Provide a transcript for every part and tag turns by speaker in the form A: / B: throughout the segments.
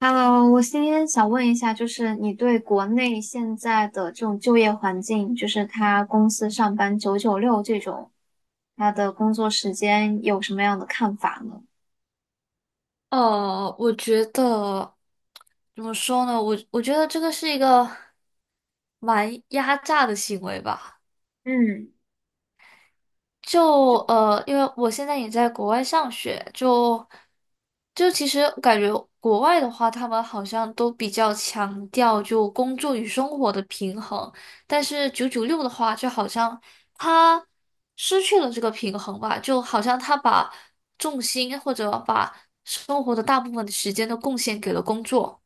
A: Hello，我今天想问一下，就是你对国内现在的这种就业环境，就是他公司上班九九六这种，他的工作时间有什么样的看法呢？
B: 我觉得怎么说呢？我我觉得这个是一个蛮压榨的行为吧。
A: 嗯
B: 就因为我现在也在国外上学，就就其实感觉国外的话，他们好像都比较强调就工作与生活的平衡，但是九九六的话，就好像他失去了这个平衡吧，就好像他把重心或者把生活的大部分的时间都贡献给了工作。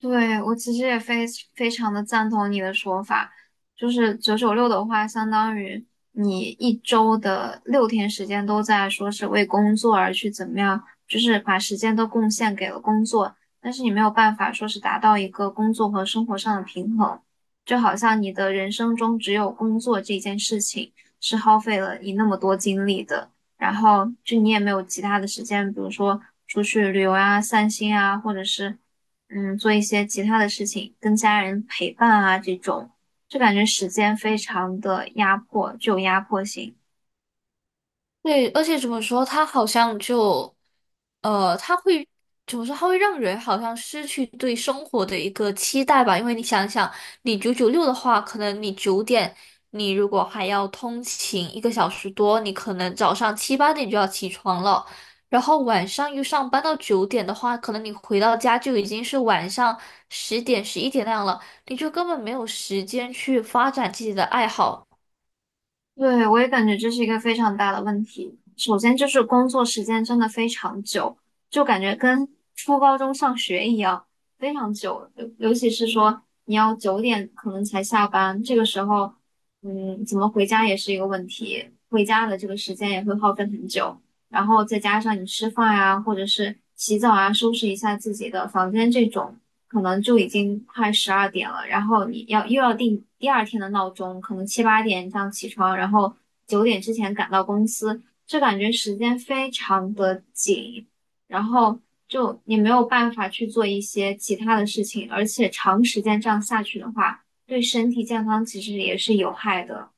A: 对，我其实也非常的赞同你的说法，就是九九六的话，相当于你一周的6天时间都在说是为工作而去怎么样，就是把时间都贡献给了工作，但是你没有办法说是达到一个工作和生活上的平衡，就好像你的人生中只有工作这件事情是耗费了你那么多精力的，然后就你也没有其他的时间，比如说出去旅游啊、散心啊，或者是。做一些其他的事情，跟家人陪伴啊这种，就感觉时间非常的压迫，具有压迫性。
B: 对，而且怎么说，他好像就，他会怎么说？他会让人好像失去对生活的一个期待吧。因为你想想，你九九六的话，可能你九点，你如果还要通勤一个小时多，你可能早上七八点就要起床了，然后晚上又上班到九点的话，可能你回到家就已经是晚上十点、十一点那样了，你就根本没有时间去发展自己的爱好。
A: 对，我也感觉这是一个非常大的问题。首先就是工作时间真的非常久，就感觉跟初高中上学一样，非常久。尤其是说你要九点可能才下班，这个时候，怎么回家也是一个问题，回家的这个时间也会耗费很久。然后再加上你吃饭呀，或者是洗澡啊，收拾一下自己的房间这种，可能就已经快12点了。然后你又要定第二天的闹钟，可能7、8点这样起床，然后九点之前赶到公司，就感觉时间非常的紧，然后就你没有办法去做一些其他的事情，而且长时间这样下去的话，对身体健康其实也是有害的。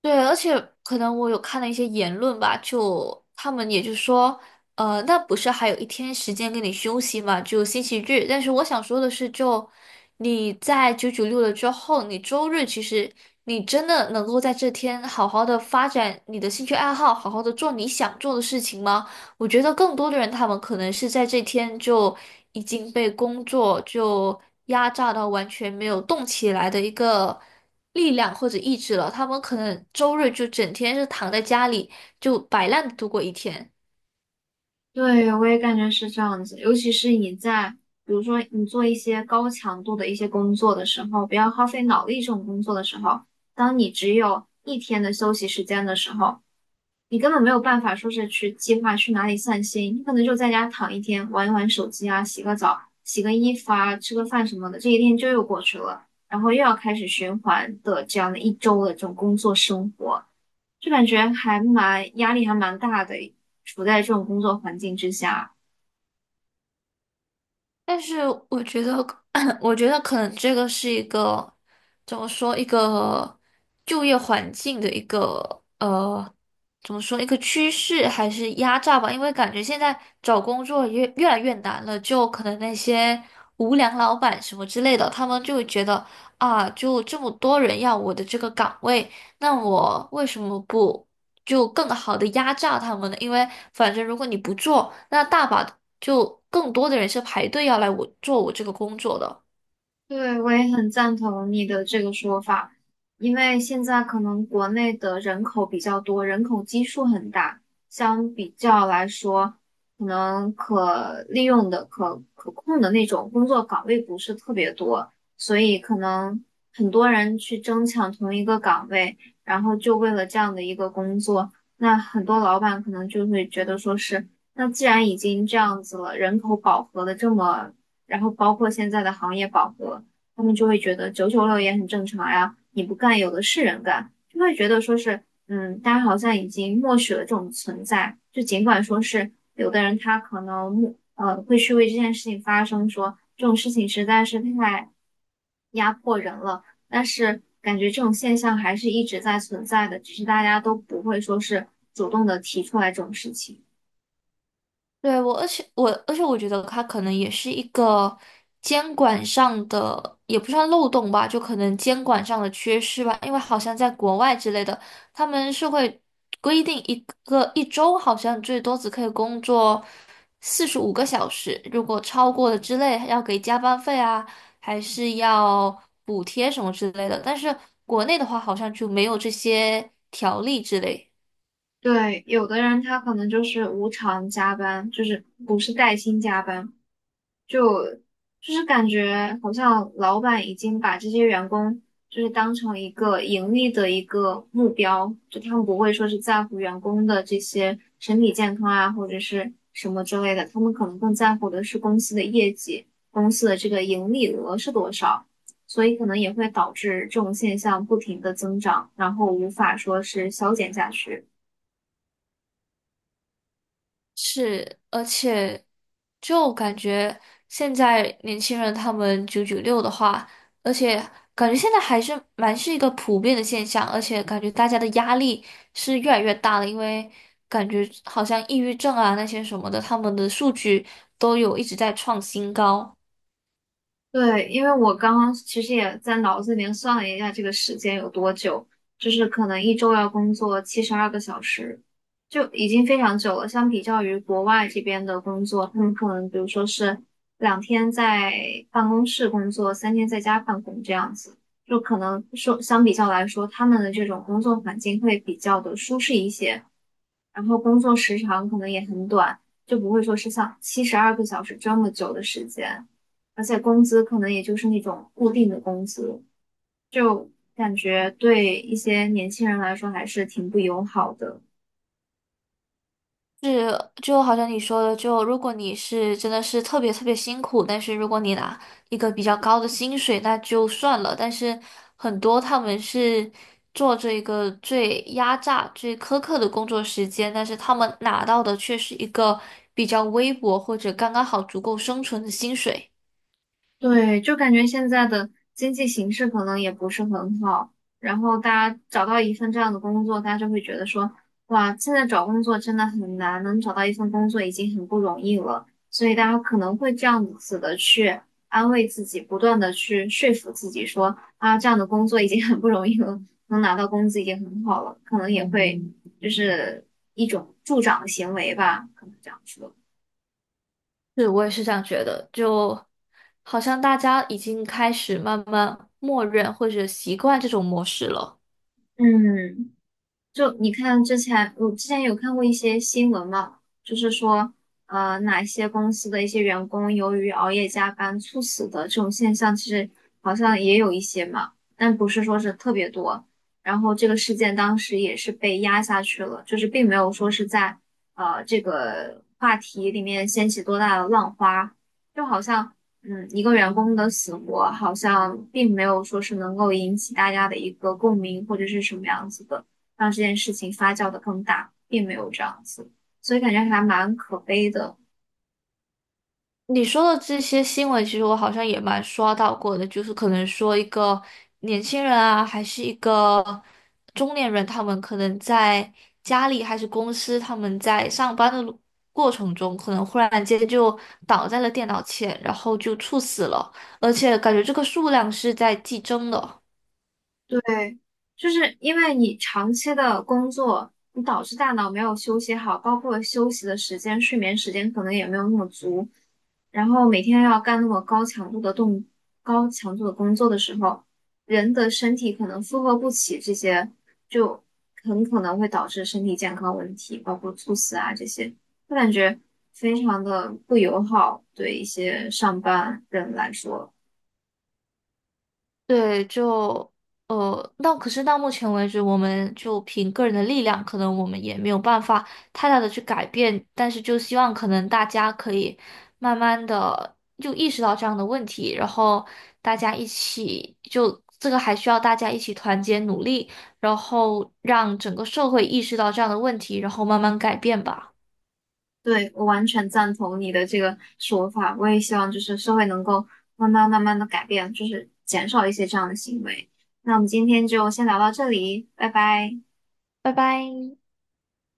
B: 对，而且可能我有看了一些言论吧，就他们也就说，那不是还有一天时间给你休息嘛，就星期日。但是我想说的是就，你在九九六了之后，你周日其实你真的能够在这天好好的发展你的兴趣爱好，好好的做你想做的事情吗？我觉得更多的人他们可能是在这天就已经被工作就压榨到完全没有动起来的一个。力量或者意志了，他们可能周日就整天是躺在家里就摆烂地度过一天。
A: 对，我也感觉是这样子，尤其是你在，比如说你做一些高强度的一些工作的时候，不要耗费脑力这种工作的时候，当你只有一天的休息时间的时候，你根本没有办法说是去计划去哪里散心，你可能就在家躺一天，玩一玩手机啊，洗个澡，洗个衣服啊，吃个饭什么的，这一天就又过去了，然后又要开始循环的这样的一周的这种工作生活，就感觉还蛮压力还蛮大的，处在这种工作环境之下。
B: 但是我觉得，我觉得可能这个是一个怎么说，一个就业环境的一个怎么说一个趋势还是压榨吧，因为感觉现在找工作越越来越难了，就可能那些无良老板什么之类的，他们就会觉得啊，就这么多人要我的这个岗位，那我为什么不就更好的压榨他们呢？因为反正如果你不做，那大把就更多的人是排队要来我做我这个工作的。
A: 对，我也很赞同你的这个说法，因为现在可能国内的人口比较多，人口基数很大，相比较来说，可能可利用的、可控的那种工作岗位不是特别多，所以可能很多人去争抢同一个岗位，然后就为了这样的一个工作，那很多老板可能就会觉得说是，那既然已经这样子了，人口饱和的这么。然后包括现在的行业饱和，他们就会觉得九九六也很正常呀，你不干有的是人干，就会觉得说是，嗯，大家好像已经默许了这种存在，就尽管说是有的人他可能默会去为这件事情发声说，这种事情实在是太压迫人了，但是感觉这种现象还是一直在存在的，只是大家都不会说是主动的提出来这种事情。
B: 对，我，而且我觉得它可能也是一个监管上的，也不算漏洞吧，就可能监管上的缺失吧。因为好像在国外之类的，他们是会规定一个一周好像最多只可以工作45个小时，如果超过了之类，要给加班费啊，还是要补贴什么之类的。但是国内的话，好像就没有这些条例之类。
A: 对，有的人他可能就是无偿加班，就是不是带薪加班，就就是感觉好像老板已经把这些员工就是当成一个盈利的一个目标，就他们不会说是在乎员工的这些身体健康啊，或者是什么之类的，他们可能更在乎的是公司的业绩，公司的这个盈利额是多少，所以可能也会导致这种现象不停的增长，然后无法说是消减下去。
B: 是，而且就感觉现在年轻人他们九九六的话，而且感觉现在还是蛮是一个普遍的现象，而且感觉大家的压力是越来越大了，因为感觉好像抑郁症啊那些什么的，他们的数据都有一直在创新高。
A: 对，因为我刚刚其实也在脑子里面算了一下这个时间有多久，就是可能一周要工作七十二个小时，就已经非常久了。相比较于国外这边的工作，他们可能比如说是2天在办公室工作，3天在家办公这样子，就可能说相比较来说，他们的这种工作环境会比较的舒适一些。然后工作时长可能也很短，就不会说是像七十二个小时这么久的时间，而且工资可能也就是那种固定的工资，感觉对一些年轻人来说还是挺不友好的。
B: 是，就好像你说的，就如果你是真的是特别特别辛苦，但是如果你拿一个比较高的薪水，那就算了。但是很多他们是做这个最压榨、最苛刻的工作时间，但是他们拿到的却是一个比较微薄或者刚刚好足够生存的薪水。
A: 对，就感觉现在的经济形势可能也不是很好，然后大家找到一份这样的工作，大家就会觉得说，哇，现在找工作真的很难，能找到一份工作已经很不容易了，所以大家可能会这样子的去安慰自己，不断的去说服自己说，啊，这样的工作已经很不容易了，能拿到工资已经很好了，可能也会就是一种助长的行为吧，可能这样说，
B: 是，我也是这样觉得，就好像大家已经开始慢慢默认或者习惯这种模式了。
A: 嗯。就你看之前，我之前有看过一些新闻嘛，就是说，哪些公司的一些员工由于熬夜加班猝死的这种现象，其实好像也有一些嘛，但不是说是特别多。然后这个事件当时也是被压下去了，就是并没有说是在这个话题里面掀起多大的浪花，就好像一个员工的死活好像并没有说是能够引起大家的一个共鸣或者是什么样子的。让这件事情发酵的更大，并没有这样子，所以感觉还蛮可悲的。
B: 你说的这些新闻，其实我好像也蛮刷到过的，就是可能说一个年轻人啊，还是一个中年人，他们可能在家里还是公司，他们在上班的路过程中，可能忽然间就倒在了电脑前，然后就猝死了，而且感觉这个数量是在激增的。
A: 对，就是因为你长期的工作，你导致大脑没有休息好，包括休息的时间、睡眠时间可能也没有那么足，然后每天要干那么高强度的工作的时候，人的身体可能负荷不起这些，就很可能会导致身体健康问题，包括猝死啊这些，我感觉非常的不友好，对一些上班人来说。
B: 对，就那可是到目前为止，我们就凭个人的力量，可能我们也没有办法太大的去改变，但是就希望可能大家可以慢慢的就意识到这样的问题，然后大家一起就这个还需要大家一起团结努力，然后让整个社会意识到这样的问题，然后慢慢改变吧。
A: 对，我完全赞同你的这个说法。我也希望就是社会能够慢慢慢慢的改变，就是减少一些这样的行为。那我们今天就先聊到这里，拜拜。
B: 拜拜。